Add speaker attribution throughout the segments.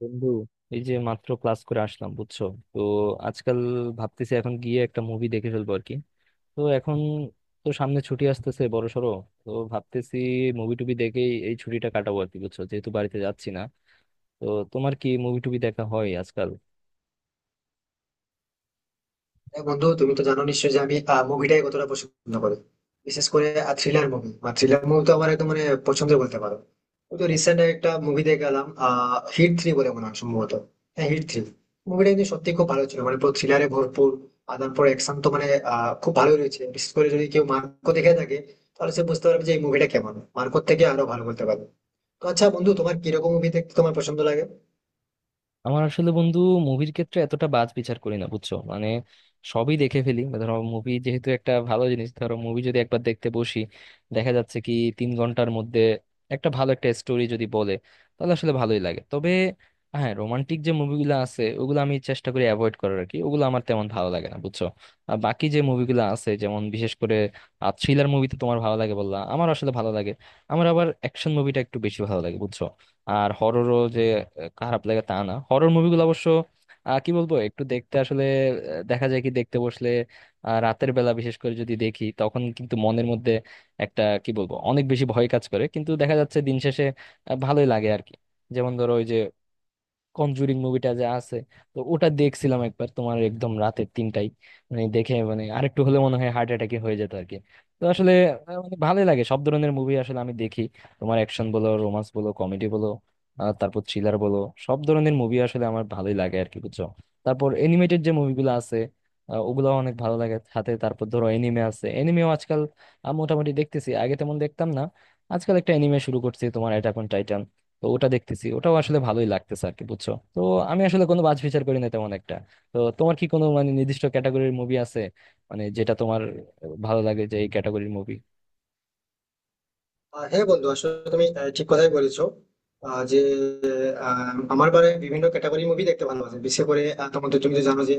Speaker 1: বন্ধু, এই যে মাত্র ক্লাস করে আসলাম, বুঝছো? তো আজকাল ভাবতেছি এখন গিয়ে একটা মুভি দেখে ফেলবো আর কি। তো এখন তো সামনে ছুটি আসতেছে বড় সড়ো, তো ভাবতেছি মুভি টুবি দেখেই এই ছুটিটা কাটাবো আর কি, বুঝছো, যেহেতু বাড়িতে যাচ্ছি না। তো তোমার কি মুভি টুবি দেখা হয় আজকাল?
Speaker 2: হ্যাঁ বন্ধু, তুমি তো জানো নিশ্চয়ই যে আমি মুভিটাই কতটা পছন্দ করি। বিশেষ করে থ্রিলার মুভি, মানে থ্রিলার মুভি তো আমার একদম মানে পছন্দের বলতে পারো। ওই তো রিসেন্ট একটা মুভি দেখে গেলাম, হিট থ্রি বলে মনে হয় সম্ভবত। হ্যাঁ, হিট থ্রি মুভিটা কিন্তু সত্যি খুব ভালো ছিল, মানে পুরো থ্রিলারে ভরপুর। আর তারপর অ্যাকশন তো মানে খুব ভালোই রয়েছে। বিশেষ করে যদি কেউ মার্কো দেখে থাকে তাহলে সে বুঝতে পারবে যে এই মুভিটা কেমন, মার্কোর থেকে আরো ভালো বলতে পারবে। তো আচ্ছা বন্ধু, তোমার কিরকম মুভি দেখতে তোমার পছন্দ লাগে?
Speaker 1: আমার আসলে বন্ধু মুভির ক্ষেত্রে এতটা বাজ বিচার করি না, বুঝছো, মানে সবই দেখে ফেলি। ধরো মুভি যেহেতু একটা ভালো জিনিস, ধরো মুভি যদি একবার দেখতে বসি, দেখা যাচ্ছে কি 3 ঘন্টার মধ্যে একটা ভালো একটা স্টোরি যদি বলে তাহলে আসলে ভালোই লাগে। তবে হ্যাঁ, রোমান্টিক যে মুভিগুলো আছে ওগুলো আমি চেষ্টা করি অ্যাভয়েড করার আর কি, ওগুলো আমার তেমন ভালো লাগে না, বুঝছো। আর বাকি যে মুভিগুলো আছে, যেমন বিশেষ করে থ্রিলার মুভি তো তোমার ভালো লাগে বললা, আমার আসলে ভালো লাগে। আমার আবার অ্যাকশন মুভিটা একটু বেশি ভালো লাগে, বুঝছো। আর হররও যে খারাপ লাগে তা না, হরর মুভিগুলো অবশ্য কি বলবো একটু দেখতে আসলে দেখা যায় কি দেখতে বসলে রাতের বেলা বিশেষ করে যদি দেখি তখন কিন্তু মনের মধ্যে একটা কি বলবো অনেক বেশি ভয় কাজ করে, কিন্তু দেখা যাচ্ছে দিন শেষে ভালোই লাগে আর কি। যেমন ধরো, ওই যে কনজুরিং মুভিটা যে আছে, তো ওটা দেখছিলাম একবার তোমার একদম রাতের 3টায়, মানে দেখে মানে আরেকটু হলে মনে হয় হার্ট অ্যাটাকে হয়ে যেত আর কি। তো আসলে মানে ভালোই লাগে সব ধরনের মুভি আসলে আমি দেখি। তোমার অ্যাকশন বলো, রোমান্স বলো, কমেডি বলো, আর তারপর থ্রিলার বলো, সব ধরনের মুভি আসলে আমার ভালোই লাগে আর কি, বুঝছো। তারপর এনিমেটেড যে মুভিগুলো আছে ওগুলাও অনেক ভালো লাগে, সাথে তারপর ধরো এনিমে আছে, এনিমেও আজকাল মোটামুটি দেখতেছি, আগে তেমন দেখতাম না। আজকাল একটা এনিমে শুরু করছি তোমার, অ্যাটাক অন, তো ওটা দেখতেছি, ওটাও আসলে ভালোই লাগতেছে আর কি, বুঝছো। তো আমি আসলে কোনো বাজ বিচার করি না তেমন একটা। তো তোমার কি কোনো মানে নির্দিষ্ট ক্যাটাগরির মুভি আছে, মানে যেটা তোমার ভালো লাগে, যে এই ক্যাটাগরির মুভি?
Speaker 2: হ্যাঁ বন্ধু, আসলে তুমি ঠিক কথাই বলেছো। আহ, যে আমার বারে বিভিন্ন ক্যাটাগরি মুভি দেখতে ভালোবাসি। বিশেষ করে তোমার তো তুমি তো জানো যে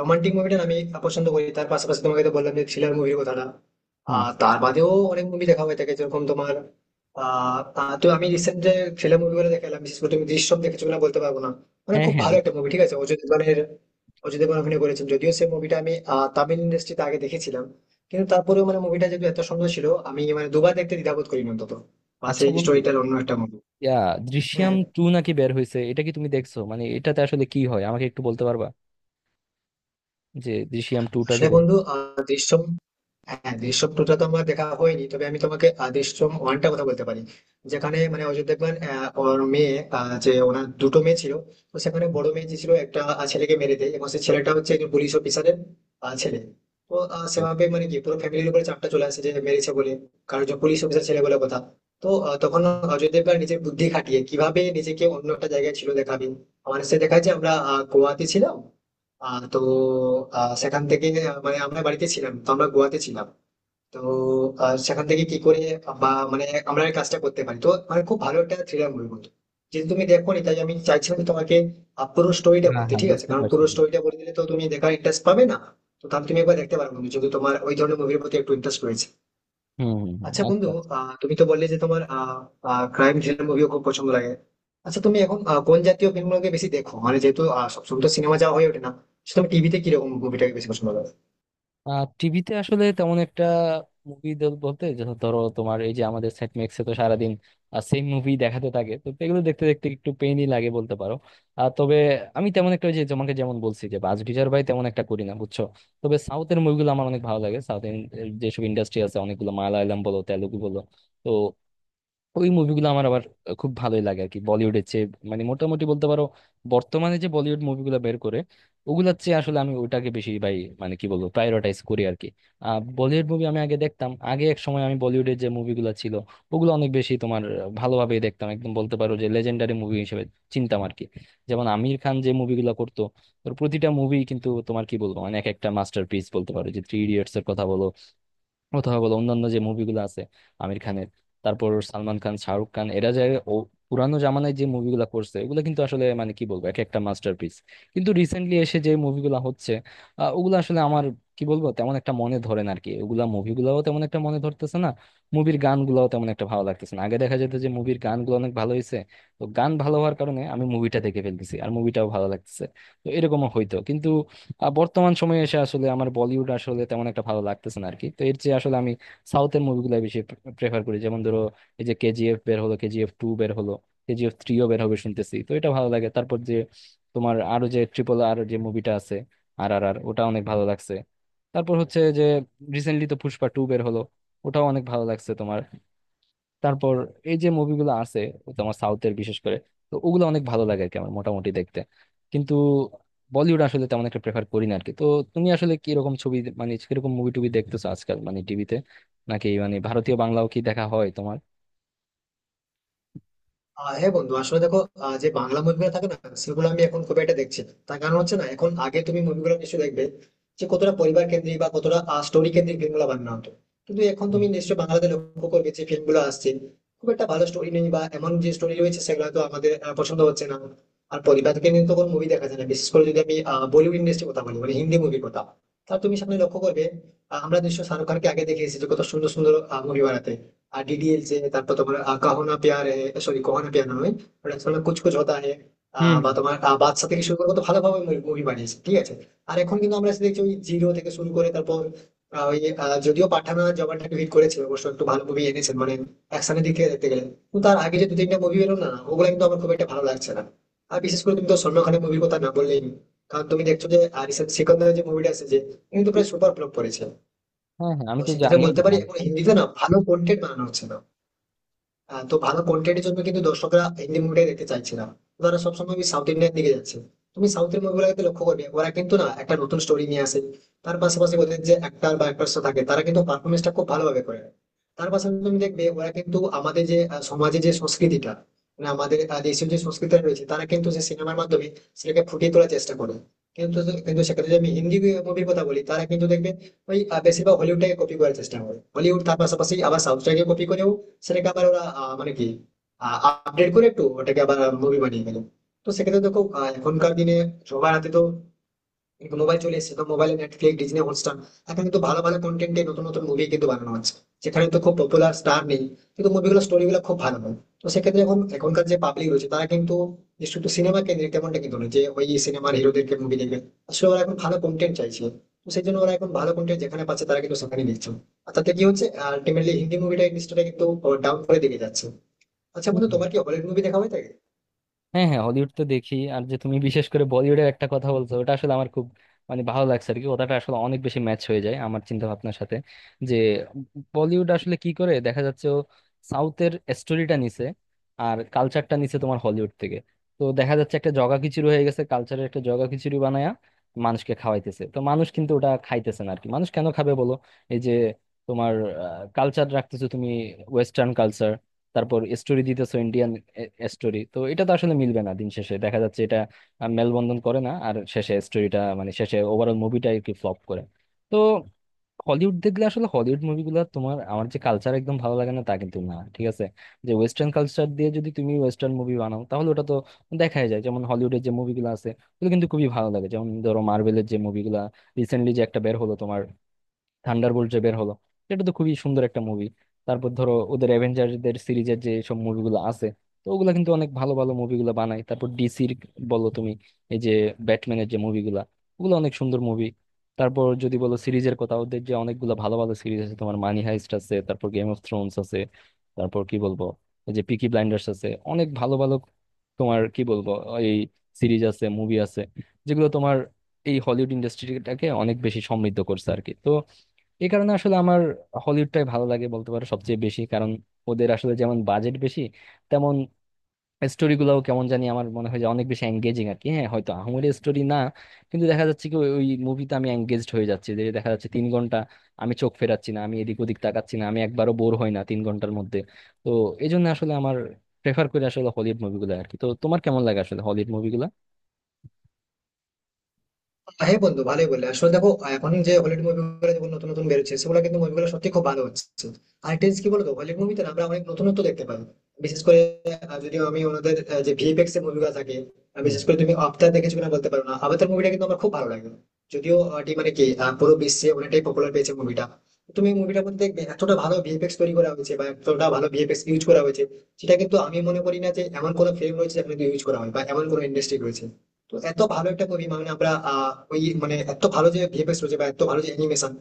Speaker 2: রোমান্টিক মুভিটা আমি পছন্দ করি, তার পাশাপাশি তোমাকে তো বললাম যে থ্রিলার মুভির কথাটা।
Speaker 1: হুম।
Speaker 2: আর তার বাদেও অনেক মুভি দেখা হয়ে থাকে, যেরকম তোমার আহ আহ, তো আমি রিসেন্ট যে থ্রিলার মুভিগুলো দেখলাম, বিশেষ করে তুমি দৃশ্যম দেখেছো কিনা বলতে পারবো না। মানে
Speaker 1: হ্যাঁ
Speaker 2: খুব
Speaker 1: হ্যাঁ,
Speaker 2: ভালো
Speaker 1: দেখি।
Speaker 2: একটা মুভি, ঠিক আছে, অজয় দেবগনের। অজয় দেবগন অভিনয় করেছেন, যদিও সেই মুভিটা আমি তামিল ইন্ডাস্ট্রিতে আগে দেখেছিলাম। কিন্তু তারপরেও মানে মুভিটা যেহেতু এত সুন্দর ছিল, আমি মানে দুবার দেখতে দ্বিধাবোধ করিনি অন্তত, বা
Speaker 1: আচ্ছা
Speaker 2: সেই
Speaker 1: বন্ধু,
Speaker 2: স্টোরিটার অন্য একটা মুভি।
Speaker 1: ইয়া, দৃশ্যম
Speaker 2: হ্যাঁ,
Speaker 1: টু নাকি বের হয়েছে, এটা কি তুমি দেখছো, মানে এটাতে আসলে কি হয় আমাকে একটু বলতে পারবা, যে দৃশ্যম টুটা যে
Speaker 2: আসলে
Speaker 1: বের
Speaker 2: বন্ধু, দৃশ্যম, হ্যাঁ দৃশ্যম টুটা তো আমার দেখা হয়নি, তবে আমি তোমাকে দৃশ্যম ওয়ানটা কথা বলতে পারি। যেখানে মানে অজয় দেবগন ওর মেয়ে, যে ওনার দুটো মেয়ে ছিল। তো সেখানে বড় মেয়ে যে ছিল একটা ছেলেকে মেরে দেয়, এবং সেই ছেলেটা হচ্ছে একজন পুলিশ অফিসারের ছেলে। তো
Speaker 1: হয়েছে।
Speaker 2: সেভাবে মানে কি পুরো ফ্যামিলির উপরে চাপটা চলে আসে যে মেরেছে বলে। কারণ যে পুলিশ অফিসার ছেলে বলে কথা। তো তখন অজয় দেবগন নিজের বুদ্ধি খাটিয়ে কিভাবে নিজেকে অন্য একটা জায়গায় ছিল দেখাবে। আমার সে দেখায় যে আমরা গোয়াতে ছিলাম। তো সেখান থেকে মানে আমরা বাড়িতে ছিলাম, তো আমরা গোয়াতে ছিলাম। তো সেখান থেকে কি করে বা মানে আমরা এই কাজটা করতে পারি। তো মানে খুব ভালো একটা থ্রিলার মুভি বলতো। যদি তুমি দেখো নি, তাই আমি চাইছিলাম যে তোমাকে পুরো স্টোরিটা
Speaker 1: হ্যাঁ
Speaker 2: বলতে,
Speaker 1: হ্যাঁ,
Speaker 2: ঠিক আছে।
Speaker 1: বুঝতে
Speaker 2: কারণ
Speaker 1: পারছি।
Speaker 2: পুরো স্টোরিটা বলে দিলে তো তুমি দেখার ইন্টারেস্ট পাবে না। তো তাহলে তুমি একবার দেখতে পারো বন্ধু, যদি তোমার ওই ধরনের মুভির প্রতি একটু ইন্টারেস্ট রয়েছে।
Speaker 1: হুম হুম হুম,
Speaker 2: আচ্ছা বন্ধু,
Speaker 1: আচ্ছা।
Speaker 2: তুমি তো বললে যে তোমার ক্রাইম থ্রিলার মুভিও খুব পছন্দ লাগে। আচ্ছা, তুমি এখন কোন জাতীয় ফিল্মগুলোকে বেশি দেখো, মানে যেহেতু সবসময় তো সিনেমা যাওয়া হয়ে ওঠে না, তো তুমি টিভিতে কিরকম মুভিটাকে বেশি পছন্দ করো?
Speaker 1: টিভিতে আসলে তেমন একটা মুভি বলতে, যেটা ধরো তোমার এই যে আমাদের সেট ম্যাক্সে তো সারাদিন সেম মুভি দেখাতে থাকে, তো এগুলো দেখতে দেখতে একটু পেইনই লাগে বলতে পারো। আর তবে আমি তেমন একটা, ওই যে তোমাকে যেমন বলছি, যে বাজ বিচার ভাই তেমন একটা করি না, বুঝছো। তবে সাউথের মুভিগুলো আমার অনেক ভালো লাগে। সাউথ যেসব ইন্ডাস্ট্রি আছে অনেকগুলো, মালায়ালাম বলো, তেলুগু বলো, তো ওই মুভিগুলো আমার আবার খুব ভালোই লাগে আর কি, বলিউডের চেয়ে মানে মোটামুটি বলতে পারো। বর্তমানে যে বলিউড মুভিগুলো বের করে ওগুলোর চেয়ে আসলে আমি ওটাকে বেশি ভাই মানে কি বলবো প্রায়োরিটাইজ করি আর কি। বলিউড মুভি আমি আগে দেখতাম, আগে এক সময় আমি বলিউডের যে মুভিগুলো ছিল ওগুলো অনেক বেশি তোমার ভালোভাবেই দেখতাম, একদম বলতে পারো যে লেজেন্ডারি মুভি হিসেবে চিনতাম আর কি। যেমন আমির খান যে মুভিগুলো করতো, ওর প্রতিটা মুভি কিন্তু তোমার কি বলবো মানে এক একটা মাস্টারপিস, বলতে পারো যে থ্রি ইডিয়টস এর কথা বলো অথবা বলো অন্যান্য যে মুভিগুলো আছে আমির খানের। তারপর সালমান খান, শাহরুখ খান এরা যে ও পুরানো জামানায় যে মুভিগুলো করছে এগুলো কিন্তু আসলে মানে কি বলবো এক একটা মাস্টারপিস। কিন্তু রিসেন্টলি এসে যে মুভিগুলো হচ্ছে ওগুলো আসলে আমার কি বলবো তেমন একটা মনে ধরে না আর কি, ওগুলা মুভিগুলোও তেমন একটা মনে ধরতেছে না, মুভির গানগুলোও তেমন একটা ভালো লাগতেছে না। আগে দেখা যেত যে মুভির গানগুলো অনেক ভালো হয়েছে, তো গান ভালো হওয়ার কারণে আমি মুভিটা দেখে ফেলতেছি আর মুভিটাও ভালো লাগতেছে, তো এরকমও হইতো। কিন্তু বর্তমান সময়ে এসে আসলে আমার বলিউড আসলে তেমন একটা ভালো লাগতেছে না আরকি, তো এর চেয়ে আসলে আমি সাউথের মুভিগুলো বেশি প্রেফার করি। যেমন ধরো, এই যে কেজিএফ বের হলো, কেজিএফ টু বের হলো, কেজিএফ থ্রিও বের হবে শুনতেছি, তো এটা ভালো লাগে। তারপর যে তোমার আরো যে ট্রিপল আর যে মুভিটা আছে, আর আর আর, ওটা অনেক ভালো লাগছে। তারপর হচ্ছে যে রিসেন্টলি তো পুষ্পা টু বের হলো, ওটাও অনেক ভালো লাগছে তোমার। তারপর এই যে মুভিগুলো আছে ও তোমার সাউথের বিশেষ করে, তো ওগুলো অনেক ভালো লাগে আর কি আমার মোটামুটি দেখতে। কিন্তু বলিউড আসলে তেমন একটা প্রেফার করি না আর কি। তো তুমি আসলে কিরকম ছবি মানে কিরকম মুভি টুভি দেখতেছো আজকাল, মানে টিভিতে নাকি, মানে ভারতীয় বাংলাও কি দেখা হয় তোমার?
Speaker 2: হ্যাঁ বন্ধু, আসলে দেখো যে বাংলা মুভিগুলো থাকে না সেগুলো আমি এখন খুব একটা দেখছি না। তার কারণ হচ্ছে না, এখন আগে তুমি মুভিগুলো নিশ্চয়ই দেখবে যে কতটা পরিবার কেন্দ্রিক বা কতটা স্টোরি কেন্দ্রিক ফিল্মগুলো বানানো হতো। কিন্তু এখন
Speaker 1: হুম
Speaker 2: তুমি নিশ্চয়ই বাংলাতে লক্ষ্য করবে যে ফিল্মগুলো আসছে, খুব একটা ভালো স্টোরি নেই, বা এমন যে স্টোরি রয়েছে সেগুলো তো আমাদের পছন্দ হচ্ছে না। আর পরিবারকে নিয়ে তো কোনো মুভি দেখা যায় না, বিশেষ করে যদি আমি বলিউড ইন্ডাস্ট্রির কথা বলি, মানে হিন্দি মুভির কথা। তা তুমি সামনে লক্ষ্য করবে, আমরা নিশ্চয়ই শাহরুখ খানকে আগে দেখে এসেছি যে কত সুন্দর সুন্দর মুভি বানাতে। আর ডিডিএলজে, তারপর তোমার কাহো না প্যার হে, সরি, কাহো না প্যার না নয়, ওটা তোমার কুছ কুছ হোতা হে।
Speaker 1: হুম
Speaker 2: বা
Speaker 1: হুম।
Speaker 2: তোমার বাদশা থেকে শুরু করে কত ভালোভাবে মুভি বানিয়েছে, ঠিক আছে। আর এখন কিন্তু আমরা এসে দেখছি ওই জিরো থেকে শুরু করে, তারপর আহ, ওই যদিও পাঠানা জবানটাকে হিট করেছে, অবশ্য একটু ভালো মুভি এনেছেন, মানে অ্যাকশনের দিক থেকে দেখতে গেলে। কিন্তু তার আগে যে দু তিনটা মুভি বেরো না, ওগুলো কিন্তু আমার খুব একটা ভালো লাগছে না। আর বিশেষ করে তুমি তো সলমান খানের মুভির কথা না বললেই নয়। কারণ তুমি দেখছো যে রিসেন্ট সিকন্দার যে মুভিটা এসেছে কিন্তু প্রায় সুপার ফ্লপ করেছে।
Speaker 1: হ্যাঁ হ্যাঁ, আমি
Speaker 2: তো
Speaker 1: তো
Speaker 2: সেক্ষেত্রে
Speaker 1: জানিও
Speaker 2: বলতে
Speaker 1: না।
Speaker 2: পারি এখন হিন্দিতে না ভালো কন্টেন্ট বানানো হচ্ছে না। তো ভালো কন্টেন্টের জন্য কিন্তু দর্শকরা হিন্দি মুভিটাই দেখতে চাইছে না। তারা সবসময় ওই সাউথ ইন্ডিয়ান দিকে যাচ্ছে। তুমি সাউথের মুভিগুলোকে লক্ষ্য করবে, ওরা কিন্তু না একটা নতুন স্টোরি নিয়ে আসে। তার পাশাপাশি ওদের যে অ্যাক্টার বা অ্যাক্ট্রেস থাকে তারা কিন্তু পারফরমেন্সটা খুব ভালোভাবে করে। তার পাশাপাশি তুমি দেখবে ওরা কিন্তু আমাদের যে সমাজে যে সংস্কৃতিটা, মানে আমাদের দেশীয় যে সংস্কৃতিটা রয়েছে, তারা কিন্তু সেই সিনেমার মাধ্যমে সেটাকে ফুটিয়ে তোলার চেষ্টা করে। কিন্তু কিন্তু সেক্ষেত্রে যদি আমি হিন্দি মুভির কথা বলি তারা কিন্তু দেখবে ওই বেশিরভাগ হলিউডটাকে কপি করার চেষ্টা করে, হলিউড তার পাশাপাশি আবার সাউথটাকে কপি করেও সেটাকে আবার ওরা মানে কি আপডেট করে একটু, ওটাকে আবার মুভি বানিয়ে গেল। তো সেক্ষেত্রে দেখো, এখনকার দিনে সবার হাতে তো কিন্তু মোবাইল চলে এসেছে। তো মোবাইলে নেটফ্লিক্স, ডিজনি হটস্টার, এখন কিন্তু ভালো ভালো কন্টেন্টে নতুন নতুন মুভি কিন্তু বানানো হচ্ছে। সেখানে তো খুব পপুলার স্টার নেই, কিন্তু মুভিগুলো স্টোরিগুলো খুব ভালো হয়। তো সেক্ষেত্রে এখন এখনকার যে পাবলিক রয়েছে তারা কিন্তু, যে শুধু সিনেমা কেন্দ্রিক তেমনটা কিন্তু নয় যে ওই সিনেমার হিরোদেরকে মুভি দেখবে। আসলে ওরা এখন ভালো কন্টেন্ট চাইছে। তো সেই জন্য ওরা এখন ভালো কন্টেন্ট যেখানে পাচ্ছে তারা কিন্তু সেখানে দেখছে। আর তাতে কি হচ্ছে, আলটিমেটলি হিন্দি মুভিটা ইন্ডাস্ট্রিটা কিন্তু ডাউন করে দিকে যাচ্ছে। আচ্ছা বন্ধু,
Speaker 1: হুম,
Speaker 2: তোমার কি হলিউড মুভি দেখা হয় থাকে?
Speaker 1: হ্যাঁ হ্যাঁ, হলিউড তো দেখি। আর যে তুমি বিশেষ করে বলিউডের একটা কথা বলছো ওটা আসলে আমার খুব মানে ভালো লাগছে আর কি, ওটাটা আসলে অনেক বেশি ম্যাচ হয়ে যায় আমার চিন্তা ভাবনার সাথে, যে বলিউড আসলে কি করে দেখা যাচ্ছে ও সাউথের স্টোরিটা নিছে আর কালচারটা নিছে তোমার হলিউড থেকে। তো দেখা যাচ্ছে একটা জগা খিচুড়ি হয়ে গেছে, কালচারের একটা জগা খিচুড়ি বানায়া মানুষকে খাওয়াইতেছে, তো মানুষ কিন্তু ওটা খাইতেছে না আর কি, মানুষ কেন খাবে বলো? এই যে তোমার কালচার রাখতেছো তুমি ওয়েস্টার্ন কালচার, তারপর স্টোরি দিতেছো ইন্ডিয়ান স্টোরি, তো এটা তো আসলে মিলবে না দিন শেষে, দেখা যাচ্ছে এটা মেলবন্ধন করে না, আর শেষে স্টোরিটা মানে শেষে ওভারঅল মুভিটা আর কি ফ্লপ করে। তো হলিউড দেখলে আসলে হলিউড মুভিগুলো তোমার আমার যে কালচার একদম ভালো লাগে না তা কিন্তু না, ঠিক আছে, যে ওয়েস্টার্ন কালচার দিয়ে যদি তুমি ওয়েস্টার্ন মুভি বানাও তাহলে ওটা তো দেখাই যায়। যেমন হলিউডের যে মুভিগুলো আছে ওগুলো কিন্তু খুবই ভালো লাগে, যেমন ধরো মার্ভেলের যে মুভিগুলা রিসেন্টলি যে একটা বের হলো তোমার, থান্ডারবোল্ট যে বের হলো, এটা তো খুবই সুন্দর একটা মুভি। তারপর ধরো ওদের অ্যাভেঞ্জারদের সিরিজের যে সব মুভিগুলো আছে, তো ওগুলা কিন্তু অনেক ভালো ভালো মুভিগুলো বানায়। তারপর ডিসির বলো তুমি, এই যে ব্যাটম্যানের যে মুভিগুলা, ওগুলো অনেক সুন্দর মুভি। তারপর যদি বলো সিরিজের কথা, ওদের যে অনেকগুলো ভালো ভালো সিরিজ আছে তোমার, মানি হাইস্ট আছে, তারপর গেম অফ থ্রোনস আছে, তারপর কি বলবো এই যে পিকি ব্লাইন্ডার্স আছে, অনেক ভালো ভালো তোমার কি বলবো এই সিরিজ আছে মুভি আছে, যেগুলো তোমার এই হলিউড ইন্ডাস্ট্রিটাকে অনেক বেশি সমৃদ্ধ করছে আর কি। তো এই কারণে আসলে আমার হলিউডটাই ভালো লাগে বলতে পারো সবচেয়ে বেশি, কারণ ওদের আসলে যেমন বাজেট বেশি তেমন স্টোরি গুলাও কেমন জানি আমার মনে হয় যে অনেক বেশি এঙ্গেজিং আর কি। হ্যাঁ হয়তো আহামরি স্টোরি না, কিন্তু দেখা যাচ্ছে কি ওই ওই মুভিতে আমি এঙ্গেজড হয়ে যাচ্ছি, যে দেখা যাচ্ছে 3 ঘন্টা আমি চোখ ফেরাচ্ছি না, আমি এদিক ওদিক তাকাচ্ছি না, আমি একবারও বোর হই না 3 ঘন্টার মধ্যে। তো এই জন্য আসলে আমার প্রেফার করি আসলে হলিউড মুভিগুলো আর কি, তো তোমার কেমন লাগে আসলে হলিউড মুভিগুলো?
Speaker 2: হ্যাঁ বন্ধু, ভালোই বললে। আসলে দেখো, এখন যে হলিউড মুভিগুলো যেগুলো নতুন নতুন বেরোচ্ছে সেগুলো কিন্তু মুভিগুলো সত্যি খুব ভালো হচ্ছে। আর একটা জিনিস কি বলতো, হলিউড মুভিতে না আমরা অনেক নতুনত্ব দেখতে পাই। বিশেষ করে যদি আমি ওনাদের যে ভিএফএক্স এর মুভিগুলো থাকে,
Speaker 1: হুম
Speaker 2: বিশেষ করে তুমি আফতার দেখেছো কিনা বলতে পারো না, আফতার মুভিটা কিন্তু আমার খুব ভালো লাগে। যদিও এটি মানে কি পুরো বিশ্বে অনেকটাই পপুলার পেয়েছে মুভিটা। তুমি মুভিটার মধ্যে দেখবে এতটা ভালো ভিএফএক্স তৈরি করা হয়েছে, বা এতটা ভালো ভিএফএক্স ইউজ করা হয়েছে। সেটা কিন্তু আমি মনে করি না যে এমন কোনো ফিল্ম রয়েছে যেখানে ইউজ করা হয়, বা এমন কোনো ইন্ডাস্ট্রি রয়েছে। তো এত ভালো একটা মুভি, মানে আমরা ওই মানে এত ভালো যে ভিএফএক্স রয়েছে বা এত ভালো যে অ্যানিমেশন।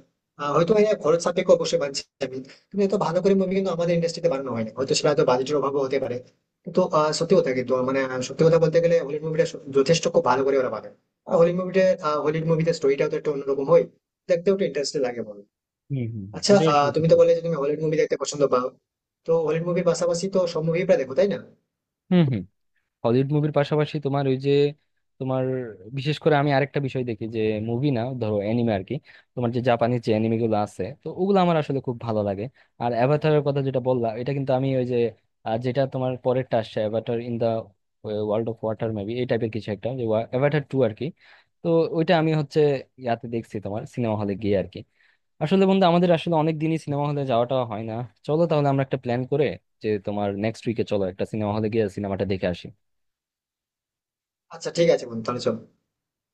Speaker 2: হয়তো এর খরচ সাপেক্ষ অবশ্যই বানছে আমি। কিন্তু এত ভালো করে মুভি কিন্তু আমাদের ইন্ডাস্ট্রিতে বানানো হয় না, হয়তো সেটা হয়তো বাজেটের অভাবও হতে পারে। কিন্তু সত্যি কথা কিন্তু মানে সত্যি কথা বলতে গেলে হলিউড মুভিটা যথেষ্ট খুব ভালো করে ওরা বানায়। আর হলিউড মুভিতে স্টোরিটাও তো একটু অন্যরকম হয়, দেখতেও একটু ইন্টারেস্টিং লাগে, বলো।
Speaker 1: হুম হুম হুম,
Speaker 2: আচ্ছা
Speaker 1: এটা আসলে
Speaker 2: তুমি
Speaker 1: ঠিক
Speaker 2: তো বললে
Speaker 1: বলছো।
Speaker 2: যে তুমি হলিউড মুভি দেখতে পছন্দ পাও, তো হলিউড মুভির পাশাপাশি তো সব মুভি প্রায় দেখো, তাই না?
Speaker 1: হুম হুম। হলিউড মুভির পাশাপাশি তোমার ওই যে তোমার বিশেষ করে আমি আরেকটা বিষয় দেখি, যে মুভি না ধরো অ্যানিমে আর কি, তোমার যে জাপানিজ যে অ্যানিমে গুলো আছে তো ওগুলো আমার আসলে খুব ভালো লাগে। আর অ্যাভাটারের কথা যেটা বললাম, এটা কিন্তু আমি ওই যে যেটা তোমার পরেরটা আসছে, Avatar in the world of water maybe এই টাইপের কিছু একটা, যে অ্যাভাটার টু আর কি, তো ওইটা আমি হচ্ছে ইয়াতে দেখছি তোমার সিনেমা হলে গিয়ে আর কি। আসলে বন্ধু আমাদের আসলে অনেক দিনই সিনেমা হলে যাওয়াটা হয় না, চলো তাহলে আমরা একটা প্ল্যান করে যে তোমার নেক্সট উইকে চলো একটা সিনেমা হলে গিয়ে সিনেমাটা দেখে আসি।
Speaker 2: আচ্ছা ঠিক আছে বন্ধু, তাহলে চলো।